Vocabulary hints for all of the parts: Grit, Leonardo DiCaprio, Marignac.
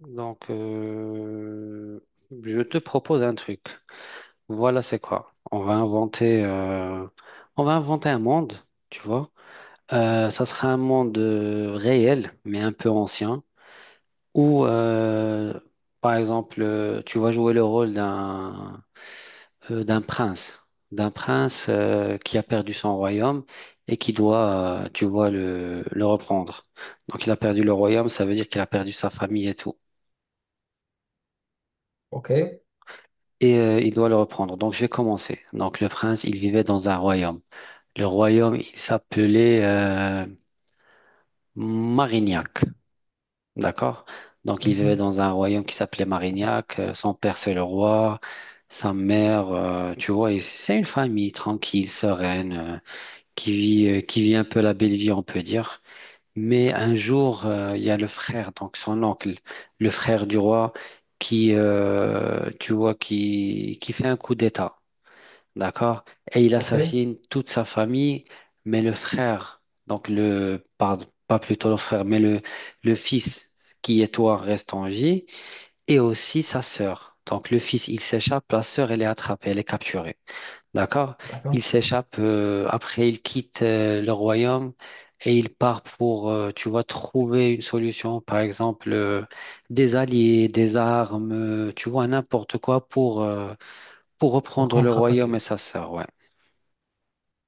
Donc, euh, je te propose un truc. Voilà, c'est quoi? On va inventer un monde, tu vois. Ça sera un monde réel, mais un peu ancien, où, par exemple, tu vas jouer le rôle d'un prince, d'un prince qui a perdu son royaume et qui doit, tu vois, le reprendre. Donc, il a perdu le royaume, ça veut dire qu'il a perdu sa famille et tout. Ok. Et il doit le reprendre. Donc, je vais commencer. Donc, le prince, il vivait dans un royaume. Le royaume, il s'appelait Marignac. D'accord? Donc, il vivait Mhm. dans un royaume qui s'appelait Marignac. Son père, c'est le roi. Sa mère, tu vois, et c'est une famille tranquille, sereine, qui vit un peu la belle vie, on peut dire. Mais un jour, il y a le frère, donc son oncle, le frère du roi, qui, tu vois, qui fait un coup d'État. D'accord? Et il Ok. assassine toute sa famille, mais le frère, donc le, pardon, pas plutôt le frère, mais le fils qui est toi reste en vie, et aussi sa sœur. Donc le fils, il s'échappe, la sœur, elle est attrapée, elle est capturée. D'accord? D'accord. Il s'échappe, après il quitte le royaume et il part pour, tu vois, trouver une solution, par exemple, des alliés, des armes, tu vois, n'importe quoi pour Pour reprendre le contre-attaquer. royaume et sa sœur, ouais.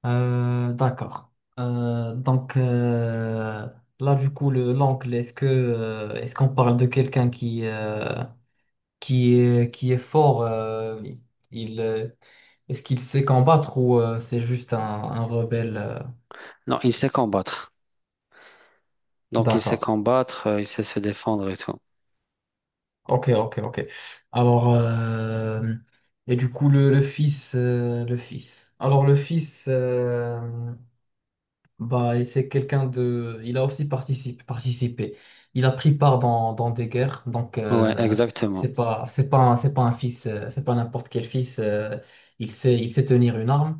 Euh, d'accord. Euh, donc euh, Là, du coup, le l'angle, est-ce qu'on parle de quelqu'un qui est fort, il est-ce qu'il sait combattre ou c'est juste un rebelle? Non, il sait combattre. Donc, il sait D'accord. combattre, il sait se défendre et tout. Ok. Alors euh, et du coup le fils, et c'est quelqu'un de... Il a aussi participé. Il a pris part dans des guerres. Ouais, exactement. C'est pas un fils, c'est pas n'importe quel fils. Il sait, il sait tenir une arme.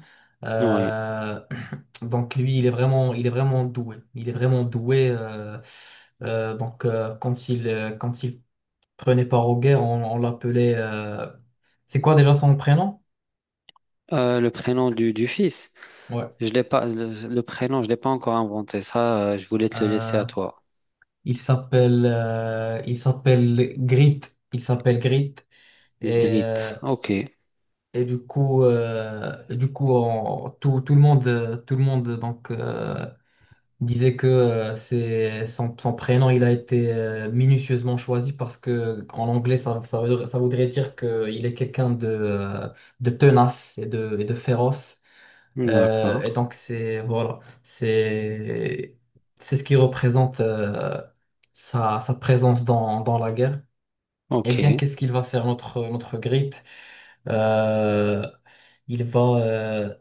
Ouais. Euh, donc lui, il est vraiment doué. Il est vraiment doué. Quand il... quand il prenait part aux guerres, on l'appelait... c'est quoi déjà son prénom? Le prénom du fils, Ouais. je l'ai pas, le prénom, je l'ai pas encore inventé. Ça, je voulais te le laisser à Euh, toi. Il s'appelle Grit. Il s'appelle Grit. Et, Grit. euh, Ok. et du coup, tout le monde donc, disait que son prénom il a été minutieusement choisi parce que en anglais, ça voudrait dire qu'il est quelqu'un de tenace et de féroce. D'accord. Et donc, c'est voilà, c'est ce qui représente sa présence dans la guerre. Eh bien, Ok. qu'est-ce qu'il va faire notre Grip? Euh, il va, euh,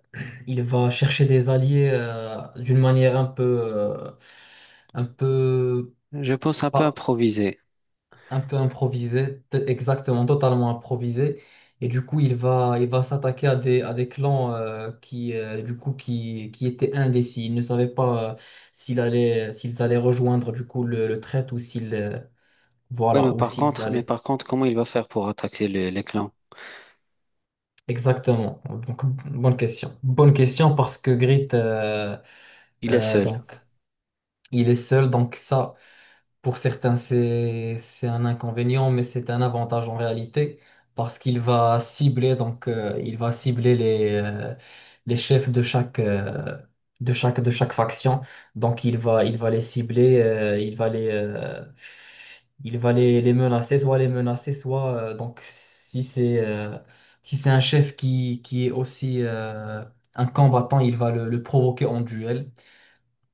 il va chercher des alliés, d'une manière un peu Je pense un peu pas, improviser. un peu improvisé, t- exactement, totalement improvisé. Et du coup, il va s'attaquer à des clans, qui, du coup, qui étaient indécis. Ils ne savaient pas s'ils allaient rejoindre du coup le traître ou Ouais, voilà, ou s'ils mais allaient. par contre, comment il va faire pour attaquer les clans? Exactement. Donc, bonne question. Bonne question parce que Grit, Il est seul. donc, il est seul. Donc ça, pour certains, c'est un inconvénient, mais c'est un avantage en réalité parce qu'il va cibler, il va cibler les chefs de chaque faction. Donc, il va les cibler, il va les menacer, soit les menacer, soit si c'est un chef qui est aussi, un combattant, il va le provoquer en duel.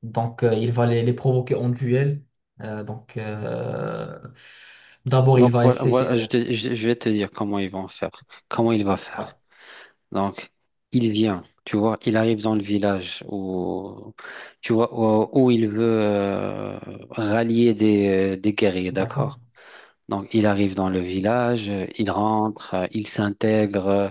Il va les provoquer en duel. Euh, donc, euh, D'abord, il Donc va voilà, essayer. voilà, je vais te dire comment ils vont faire, comment il va Ouais, faire. Donc, il vient, tu vois, il arrive dans le village où, tu vois, où il veut rallier des guerriers, d'accord. d'accord? Donc, il arrive dans le village, il rentre, il s'intègre.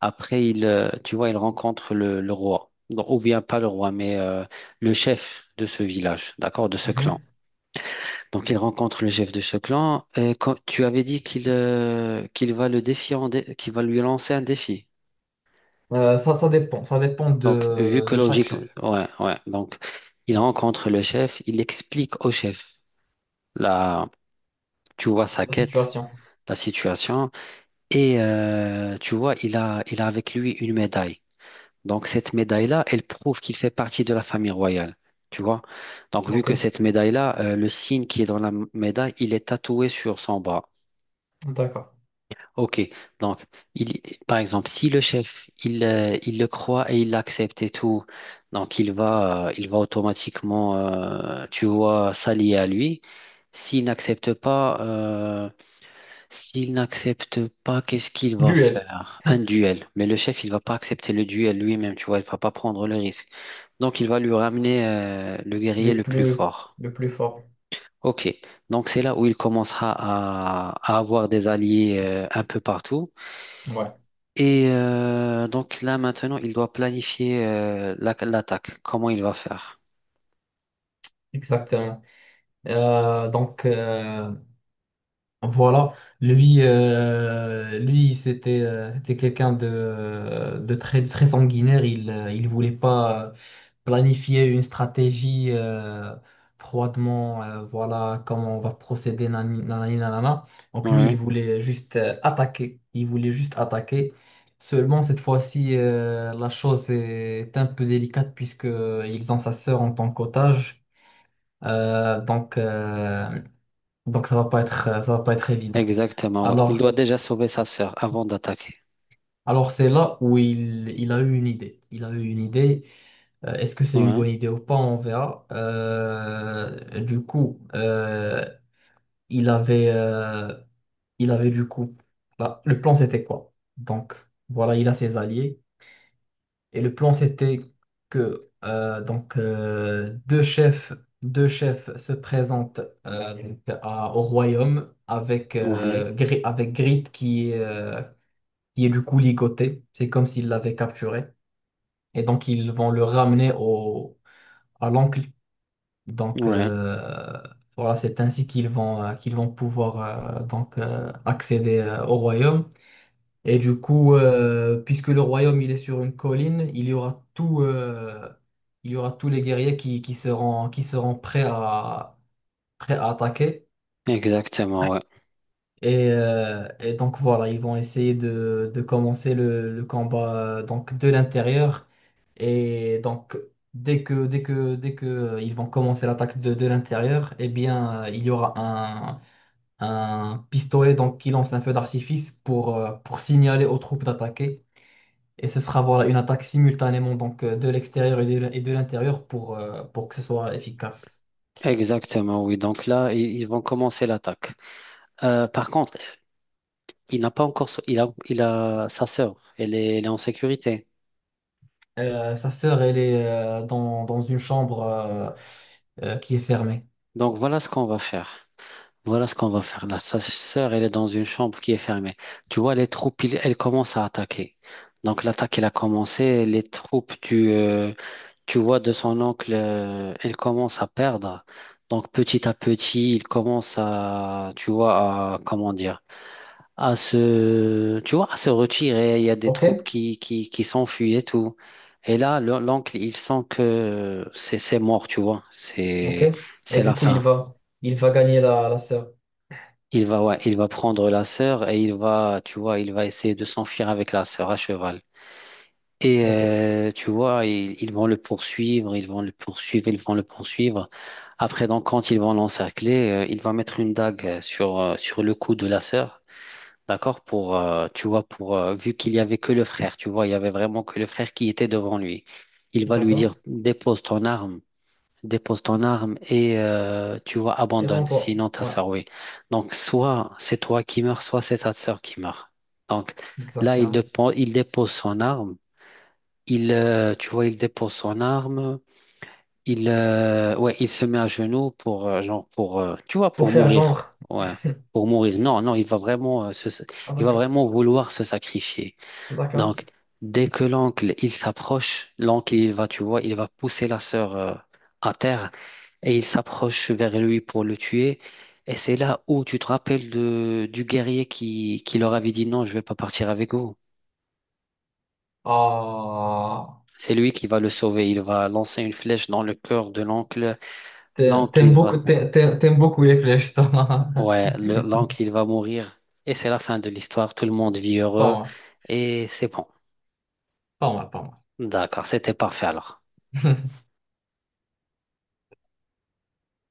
Après, tu vois, il rencontre le roi. Donc, ou bien pas le roi, mais le chef de ce village, d'accord, de ce clan. Mhm. Donc, il rencontre le chef de ce clan. Quand, tu avais dit qu'il va le défier, qu'il va lui lancer un défi. Ça dépend. Ça dépend Donc, vu que de chaque logique, chef, ouais, ouais. Donc, il rencontre le chef, il explique au chef. Là, tu vois sa la quête, situation. la situation. Et tu vois, il a avec lui une médaille. Donc, cette médaille-là, elle prouve qu'il fait partie de la famille royale. Tu vois? Donc, vu Ok, que cette médaille-là, le signe qui est dans médaille, il est tatoué sur son bras. d'accord. Ok, donc il, par exemple, si le chef il le croit et il l'accepte et tout, donc il va automatiquement tu vois s'allier à lui. S'il n'accepte pas euh, s'il n'accepte pas, qu'est-ce qu'il va Duel. faire? Un duel. Mais le chef il va pas accepter le duel lui-même, tu vois, il va pas prendre le risque. Donc il va lui ramener le guerrier le le plus plus, fort. le plus fort. Ok, donc c'est là où il commencera à avoir des alliés un peu partout. Ouais, Et donc là maintenant, il doit planifier l'attaque, comment il va faire. exactement. Euh, donc, euh, Voilà, lui c'était c'était quelqu'un de très, très sanguinaire. Il voulait pas planifier une stratégie froidement. Voilà comment on va procéder, nani- nanani, nanana. Donc lui, il Oui, voulait juste attaquer. Il voulait juste attaquer. Seulement, cette fois-ci, la chose est un peu délicate puisque ils ont sa sœur en tant qu'otage. Euh, donc, euh, donc ça va pas être, ça va pas être évident. exactement. Ouais. Il Alors, doit déjà sauver sa sœur avant d'attaquer. alors c'est là où il a eu une idée. Il a eu une idée. Est-ce que c'est une Oui, bonne idée ou pas? On verra. Il avait, euh, il avait du coup, là, le plan c'était quoi? Donc, voilà, il a ses alliés. Et le plan c'était que deux chefs se présentent donc, à- au royaume avec, oui, Gri- avec Grid qui est qui est du coup ligoté. C'est comme s'il l'avait capturé. Et donc, ils vont le ramener à l'oncle. Donc, oui, euh, voilà, c'est ainsi qu'ils vont pouvoir accéder au royaume. Et du coup, puisque le royaume il est sur une colline, il y aura tous les guerriers qui seront prêts à, prêts à attaquer. exactement. Ouais. Et donc voilà, ils vont essayer de commencer le combat, donc de l'intérieur. Et donc, dès que ils vont commencer l'attaque de l'intérieur, eh bien, il y aura un pistolet donc, qui lance un feu d'artifice pour signaler aux troupes d'attaquer. Et ce sera voilà, une attaque simultanément donc, de l'extérieur et de l'intérieur pour que ce soit efficace. Exactement, oui. Donc là, ils vont commencer l'attaque. Par contre, il n'a pas encore, sau- il a sa sœur. Elle est en sécurité. Sa sœur, elle est dans une chambre qui est fermée. Donc voilà ce qu'on va faire. Voilà ce qu'on va faire là. Sa sœur, elle est dans une chambre qui est fermée. Tu vois, les troupes, elles commencent à attaquer. Donc l'attaque, elle a commencé. Les troupes, tu vois, de son oncle, elles commencent à perdre. Donc petit à petit, il commence à, tu vois, à, comment dire, à se, tu vois, à se retirer. Il y a des Ok, troupes qui s'enfuient et tout. Et là, l'oncle, il sent que c'est mort, tu vois. ok. Et C'est la du coup, fin. Il va gagner la sœur. Il va, ouais, il va prendre la sœur et il va, tu vois, il va essayer de s'enfuir avec la sœur à cheval. Et Ok, tu vois, ils vont le poursuivre, ils vont le poursuivre, ils vont le poursuivre. Après, donc, quand ils vont l'encercler, il va mettre une dague sur, sur le cou de la sœur, d'accord? Pour, tu vois, pour, vu qu'il y avait que le frère, tu vois, il y avait vraiment que le frère qui était devant lui. Il va lui d'accord. dire, dépose ton arme, dépose ton arme et tu vois, Et abandonne, rends-toi. sinon ta Ouais. sœur, oui. Donc, soit c'est toi qui meurs, soit c'est ta sœur qui meurt. Donc, là, Exactement. Il dépose son arme, tu vois, il dépose son arme, ouais, il se met à genoux pour, genre, pour, tu vois, Pour pour faire mourir, genre. ouais, pour mourir. Non, non, Ah, il va d'accord. vraiment vouloir se sacrifier. D'accord. Donc, dès que l'oncle, il s'approche, l'oncle, il va, tu vois, il va pousser la sœur, à terre et il s'approche vers lui pour le tuer. Et c'est là où tu te rappelles de, du guerrier qui leur avait dit non, je vais pas partir avec vous. Ah, C'est lui qui va le sauver. Il va lancer une flèche dans le cœur de l'oncle. L'oncle, il va, t'aimes beaucoup les flèches, toi. ouais, l'oncle, il va mourir. Et c'est la fin de l'histoire. Tout le monde vit Pas heureux. moi, Et c'est bon. Pas moi. D'accord, c'était parfait alors.